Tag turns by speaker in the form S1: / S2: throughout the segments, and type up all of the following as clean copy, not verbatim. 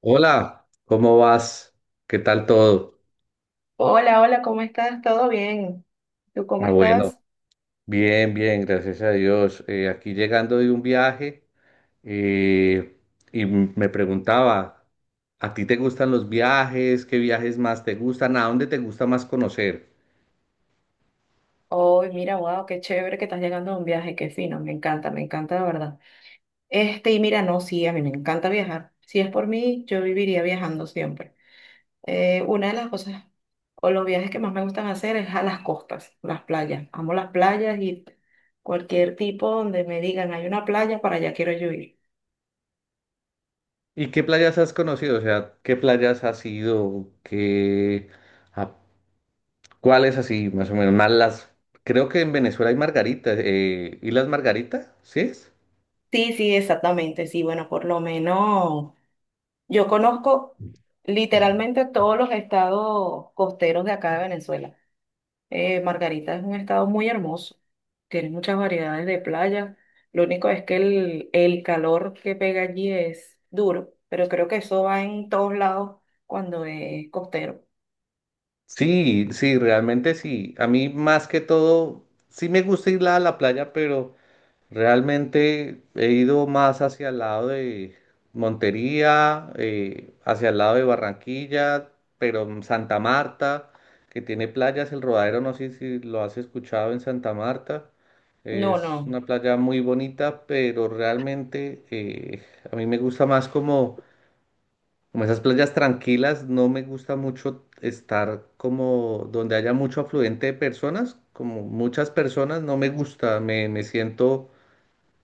S1: Hola, ¿cómo vas? ¿Qué tal todo?
S2: Hola, hola, ¿cómo estás? ¿Todo bien? ¿Tú cómo
S1: Ah, bueno,
S2: estás?
S1: bien, bien, gracias a Dios. Aquí llegando de un viaje eh, y me preguntaba, ¿a ti te gustan los viajes? ¿Qué viajes más te gustan? ¿A dónde te gusta más conocer?
S2: Oh, mira, wow, qué chévere que estás llegando a un viaje, qué fino, me encanta de verdad. Este, y mira, no, sí, a mí me encanta viajar. Si es por mí, yo viviría viajando siempre. Una de las cosas o los viajes que más me gustan hacer es a las costas, las playas. Amo las playas y cualquier tipo donde me digan hay una playa, para allá quiero yo ir.
S1: ¿Y qué playas has conocido? O sea, ¿qué playas has ido? ¿Qué, a- cuáles así, más o menos? Más las, creo que en Venezuela hay Margarita, ¿Islas Margarita? ¿Sí es?
S2: Sí, sí, exactamente, sí, bueno, por lo menos. Yo conozco literalmente todos los estados costeros de acá de Venezuela. Margarita es un estado muy hermoso, tiene muchas variedades de playas. Lo único es que el calor que pega allí es duro, pero creo que eso va en todos lados cuando es costero.
S1: Sí, sí, realmente sí. A mí más que todo, sí me gusta ir a la playa, pero realmente he ido más hacia el lado de Montería, hacia el lado de Barranquilla, pero en Santa Marta, que tiene playas, el Rodadero, no sé si lo has escuchado en Santa Marta.
S2: No,
S1: Es
S2: no.
S1: una playa muy bonita, pero realmente a mí me gusta más como esas playas tranquilas, no me gusta mucho estar como donde haya mucho afluente de personas, como muchas personas, no me gusta, me siento,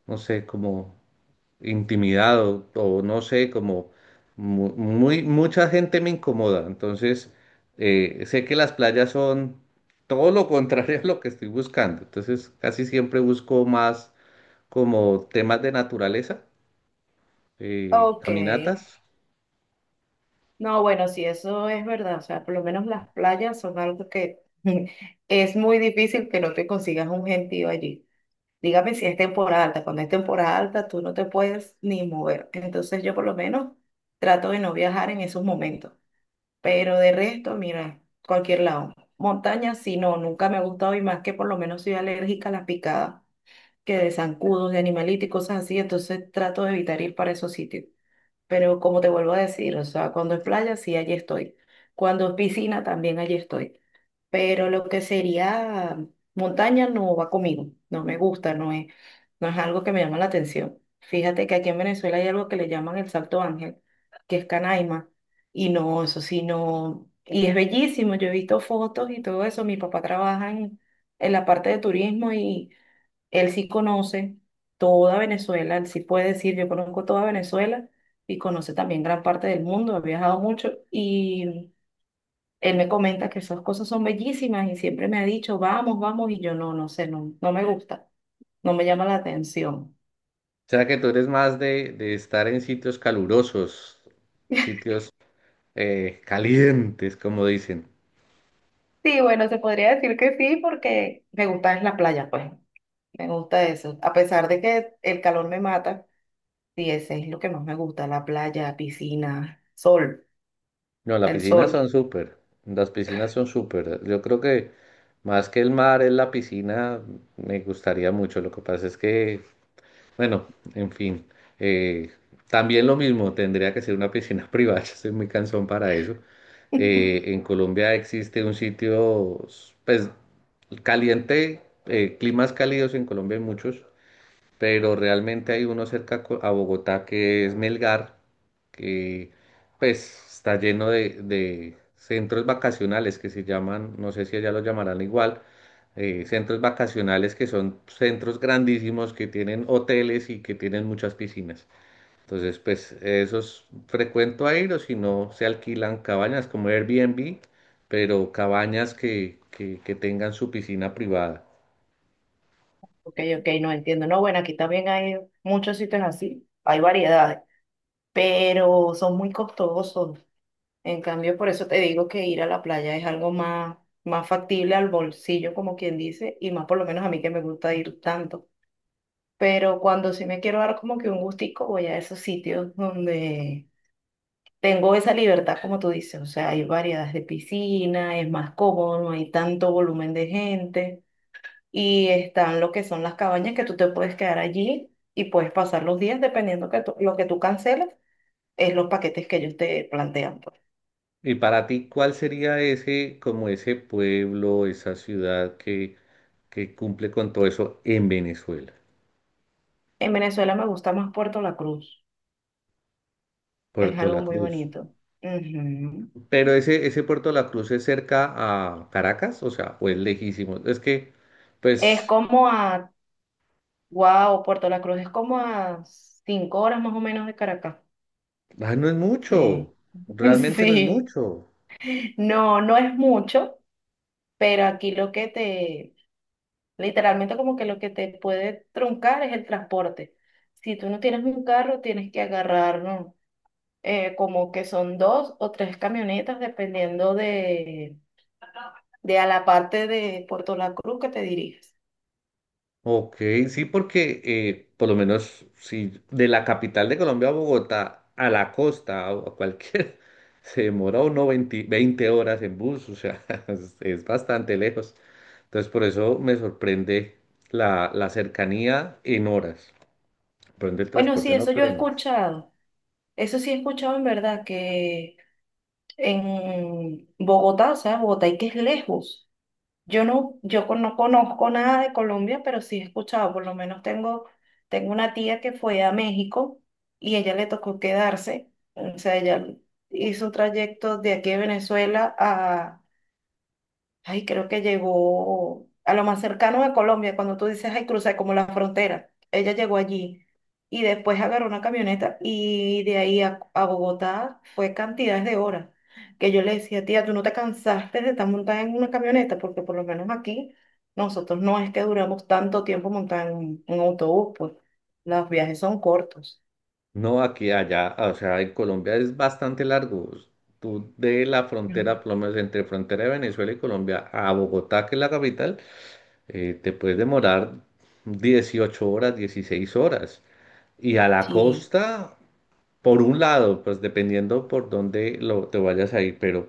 S1: no sé, como intimidado o no sé, como muy, mucha gente me incomoda. Entonces, sé que las playas son todo lo contrario a lo que estoy buscando. Entonces, casi siempre busco más como temas de naturaleza,
S2: Ok.
S1: caminatas.
S2: No, bueno, sí, eso es verdad. O sea, por lo menos las playas son algo que es muy difícil que no te consigas un gentío allí. Dígame si es temporada alta. Cuando es temporada alta, tú no te puedes ni mover. Entonces yo por lo menos trato de no viajar en esos momentos. Pero de resto, mira, cualquier lado. Montaña, sí, no, nunca me ha gustado y más que por lo menos soy alérgica a las picadas, que de zancudos, de animalitos y cosas así. Entonces trato de evitar ir para esos sitios. Pero como te vuelvo a decir, o sea, cuando es playa, sí, allí estoy. Cuando es piscina, también allí estoy, pero lo que sería montaña no va conmigo, no me gusta, no es, no es algo que me llama la atención. Fíjate que aquí en Venezuela hay algo que le llaman el Salto Ángel, que es Canaima, y no, eso sí, no, y es bellísimo, yo he visto fotos y todo eso, mi papá trabaja en la parte de turismo y él sí conoce toda Venezuela, él sí puede decir, yo conozco toda Venezuela. Y conoce también gran parte del mundo, ha viajado mucho y él me comenta que esas cosas son bellísimas y siempre me ha dicho, vamos, vamos, y yo no, no sé, no, no me gusta, no me llama la atención.
S1: O sea que tú eres más de estar en sitios calurosos, sitios calientes, como dicen.
S2: Sí, bueno, se podría decir que sí, porque me gusta es la playa, pues, me gusta eso. A pesar de que el calor me mata, sí, ese es lo que más me gusta, la playa, piscina, sol,
S1: No, las
S2: el
S1: piscinas son
S2: sol.
S1: súper, las piscinas son súper. Yo creo que más que el mar es la piscina, me gustaría mucho. Lo que pasa es que, bueno, en fin, eh, también lo mismo, tendría que ser una piscina privada, yo soy muy cansón para eso. En Colombia existe un sitio, pues, caliente, climas cálidos en Colombia hay muchos, pero realmente hay uno cerca a Bogotá que es Melgar, que pues está lleno de centros vacacionales que se llaman, no sé si allá lo llamarán igual, centros vacacionales que son centros grandísimos que tienen hoteles y que tienen muchas piscinas. Entonces, pues esos frecuento a ir, o si no, se alquilan cabañas como Airbnb, pero cabañas que tengan su piscina privada.
S2: Ok, ok, no entiendo. No, bueno, aquí también hay muchos sitios así, hay variedades, pero son muy costosos. En cambio, por eso te digo que ir a la playa es algo más, más factible al bolsillo, como quien dice, y más por lo menos a mí que me gusta ir tanto. Pero cuando sí me quiero dar como que un gustico, voy a esos sitios donde tengo esa libertad, como tú dices. O sea, hay variedades de piscina, es más cómodo, no hay tanto volumen de gente. Y están lo que son las cabañas que tú te puedes quedar allí y puedes pasar los días dependiendo que lo que tú canceles, es los paquetes que ellos te plantean, pues.
S1: Y para ti, ¿cuál sería ese, como ese pueblo, esa ciudad que cumple con todo eso en Venezuela?
S2: En Venezuela me gusta más Puerto La Cruz. Es
S1: Puerto
S2: algo
S1: La
S2: muy
S1: Cruz.
S2: bonito. Ujú.
S1: Pero ese Puerto La Cruz es cerca a Caracas, o sea, ¿o es lejísimo? Es que,
S2: Es
S1: pues,
S2: como a, wow, Puerto La Cruz es como a 5 horas más o menos de Caracas.
S1: ah, no es
S2: Sí.
S1: mucho, realmente no es
S2: Sí.
S1: mucho.
S2: No, no es mucho, pero aquí lo que te, literalmente como que lo que te puede truncar es el transporte. Si tú no tienes un carro, tienes que agarrar, ¿no? Como que son dos o tres camionetas, dependiendo de a la parte de Puerto La Cruz que te diriges.
S1: Ok, sí, porque por lo menos si de la capital de Colombia a Bogotá, a la costa o a cualquier, se demora uno veinte horas en bus, o sea, es bastante lejos. Entonces por eso me sorprende la cercanía en horas. Sorprende el
S2: Bueno, sí,
S1: transporte, no,
S2: eso yo he
S1: pero en horas.
S2: escuchado. Eso sí he escuchado en verdad que en Bogotá, o sea, Bogotá y que es lejos. Yo no, no conozco nada de Colombia, pero sí he escuchado, por lo menos tengo, tengo una tía que fue a México y ella le tocó quedarse, o sea, ella hizo un trayecto de aquí de Venezuela a... Ay, creo que llegó a lo más cercano de Colombia, cuando tú dices, ay, crucé como la frontera. Ella llegó allí y después agarró una camioneta y de ahí a Bogotá fue cantidades de horas que yo le decía, tía, tú no te cansaste de estar montada en una camioneta, porque por lo menos aquí nosotros no es que duramos tanto tiempo montada en un autobús, pues los viajes son cortos.
S1: No, aquí, allá, o sea, en Colombia es bastante largo. Tú de la frontera,
S2: Mm.
S1: por lo menos entre frontera de Venezuela y Colombia a Bogotá, que es la capital. Te puedes demorar 18 horas, 16 horas. Y a la
S2: Sí,
S1: costa, por un lado, pues dependiendo por dónde lo, te vayas a ir, pero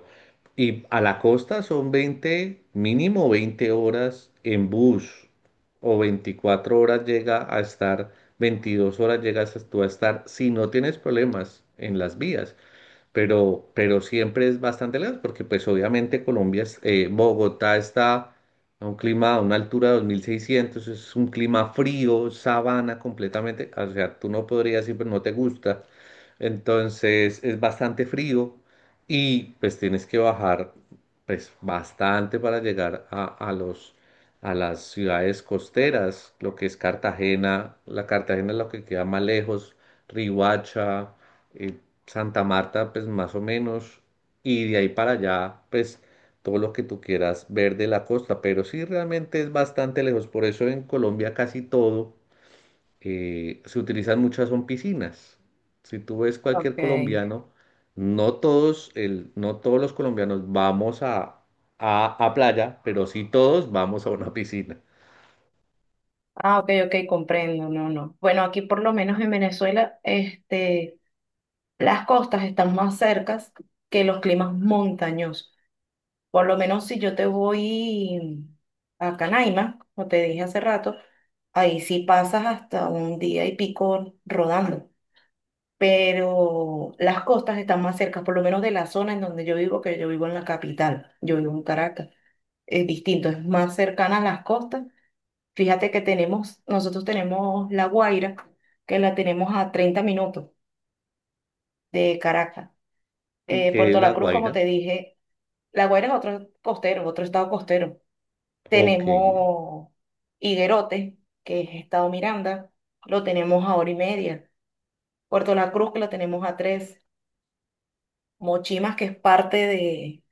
S1: y a la costa son veinte, mínimo 20 horas en bus o 24 horas llega a estar, 22 horas llegas tú a estar si no tienes problemas en las vías, pero siempre es bastante lejos, porque pues obviamente Colombia, Bogotá está a un clima, a una altura de 2600, es un clima frío, sabana completamente, o sea, tú no podrías ir, pero no te gusta, entonces es bastante frío y pues tienes que bajar pues bastante para llegar a las ciudades costeras, lo que es Cartagena, la Cartagena es lo que queda más lejos, Rihuacha, Santa Marta, pues más o menos, y de ahí para allá, pues todo lo que tú quieras ver de la costa, pero sí realmente es bastante lejos, por eso en Colombia casi todo se utilizan muchas son piscinas. Si tú ves cualquier
S2: ok.
S1: colombiano, no todos, no todos los colombianos vamos a, a playa, pero sí todos vamos a una piscina.
S2: Ah, ok, ok, comprendo, no, no. Bueno, aquí por lo menos en Venezuela, este... Las costas están más cercas que los climas montañosos. Por lo menos si yo te voy a Canaima, como te dije hace rato, ahí sí pasas hasta un día y pico rodando. Pero las costas están más cercas, por lo menos de la zona en donde yo vivo, que yo vivo en la capital, yo vivo en Caracas. Es distinto, es más cercana a las costas. Fíjate que tenemos, nosotros tenemos La Guaira, que la tenemos a 30 minutos de Caracas.
S1: ¿Y qué es
S2: Puerto
S1: La
S2: La Cruz, como
S1: Guaira?
S2: te dije... La Guaira es otro costero, otro estado costero.
S1: Ok.
S2: Tenemos Higuerote, que es estado Miranda, lo tenemos a hora y media. Puerto La Cruz, que lo tenemos a tres. Mochimas, que es parte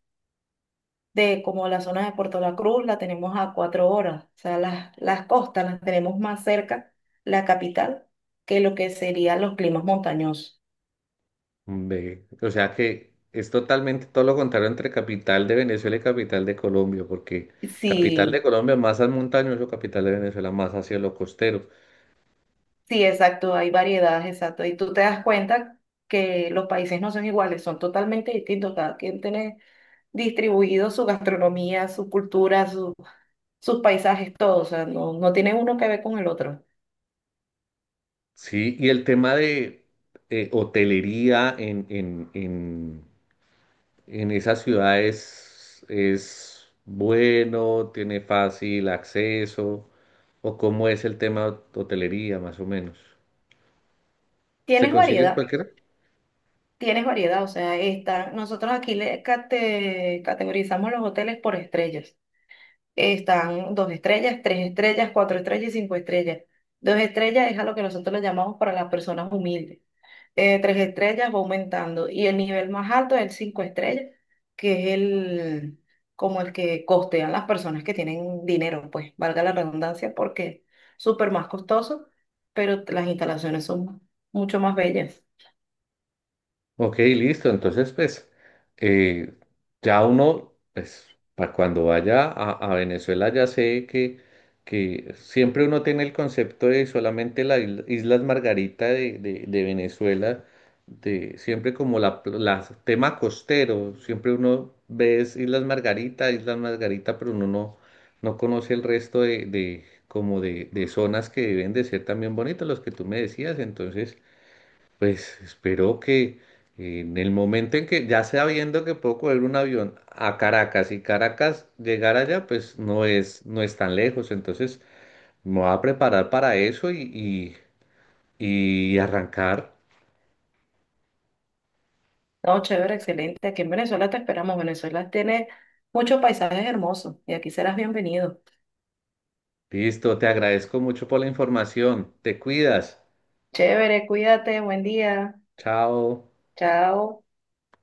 S2: de como la zona de Puerto La Cruz, la tenemos a 4 horas. O sea, las costas las tenemos más cerca, la capital, que lo que serían los climas montañosos.
S1: Ve, o sea que es totalmente todo lo contrario entre capital de Venezuela y capital de Colombia, porque capital de
S2: Sí,
S1: Colombia más al montañoso, capital de Venezuela más hacia lo costero.
S2: sí, exacto, hay variedades, exacto. Y tú te das cuenta que los países no son iguales, son totalmente distintos. Cada quien tiene distribuido su gastronomía, su cultura, su- sus paisajes, todo. O sea, no, no tiene uno que ver con el otro.
S1: Sí, y el tema de hotelería en esas ciudades es bueno, tiene fácil acceso, o cómo es el tema de hotelería más o menos. ¿Se
S2: Tienes
S1: consigue en
S2: variedad,
S1: cualquiera?
S2: tienes variedad. O sea, está, nosotros aquí le categorizamos los hoteles por estrellas. Están dos estrellas, tres estrellas, cuatro estrellas y cinco estrellas. Dos estrellas es a lo que nosotros le llamamos para las personas humildes. Tres estrellas va aumentando y el nivel más alto es el cinco estrellas, que es el como el que costean las personas que tienen dinero, pues valga la redundancia, porque es súper más costoso, pero las instalaciones son mucho más bellas.
S1: Ok, listo. Entonces, pues, eh, ya uno, pues, para cuando vaya a Venezuela, ya sé que siempre uno tiene el concepto de solamente las Islas Margarita de Venezuela, de siempre como tema costero, siempre uno ve es Islas Margarita, Islas Margarita, pero uno no conoce el resto como de zonas que deben de ser también bonitas, los que tú me decías. Entonces, pues espero que en el momento en que ya sabiendo que puedo coger un avión a Caracas y Caracas llegar allá, pues no es tan lejos. Entonces me voy a preparar para eso y arrancar.
S2: No, chévere, excelente. Aquí en Venezuela te esperamos. Venezuela tiene muchos paisajes hermosos y aquí serás bienvenido.
S1: Listo, te agradezco mucho por la información. Te cuidas.
S2: Chévere, cuídate, buen día.
S1: Chao.
S2: Chao.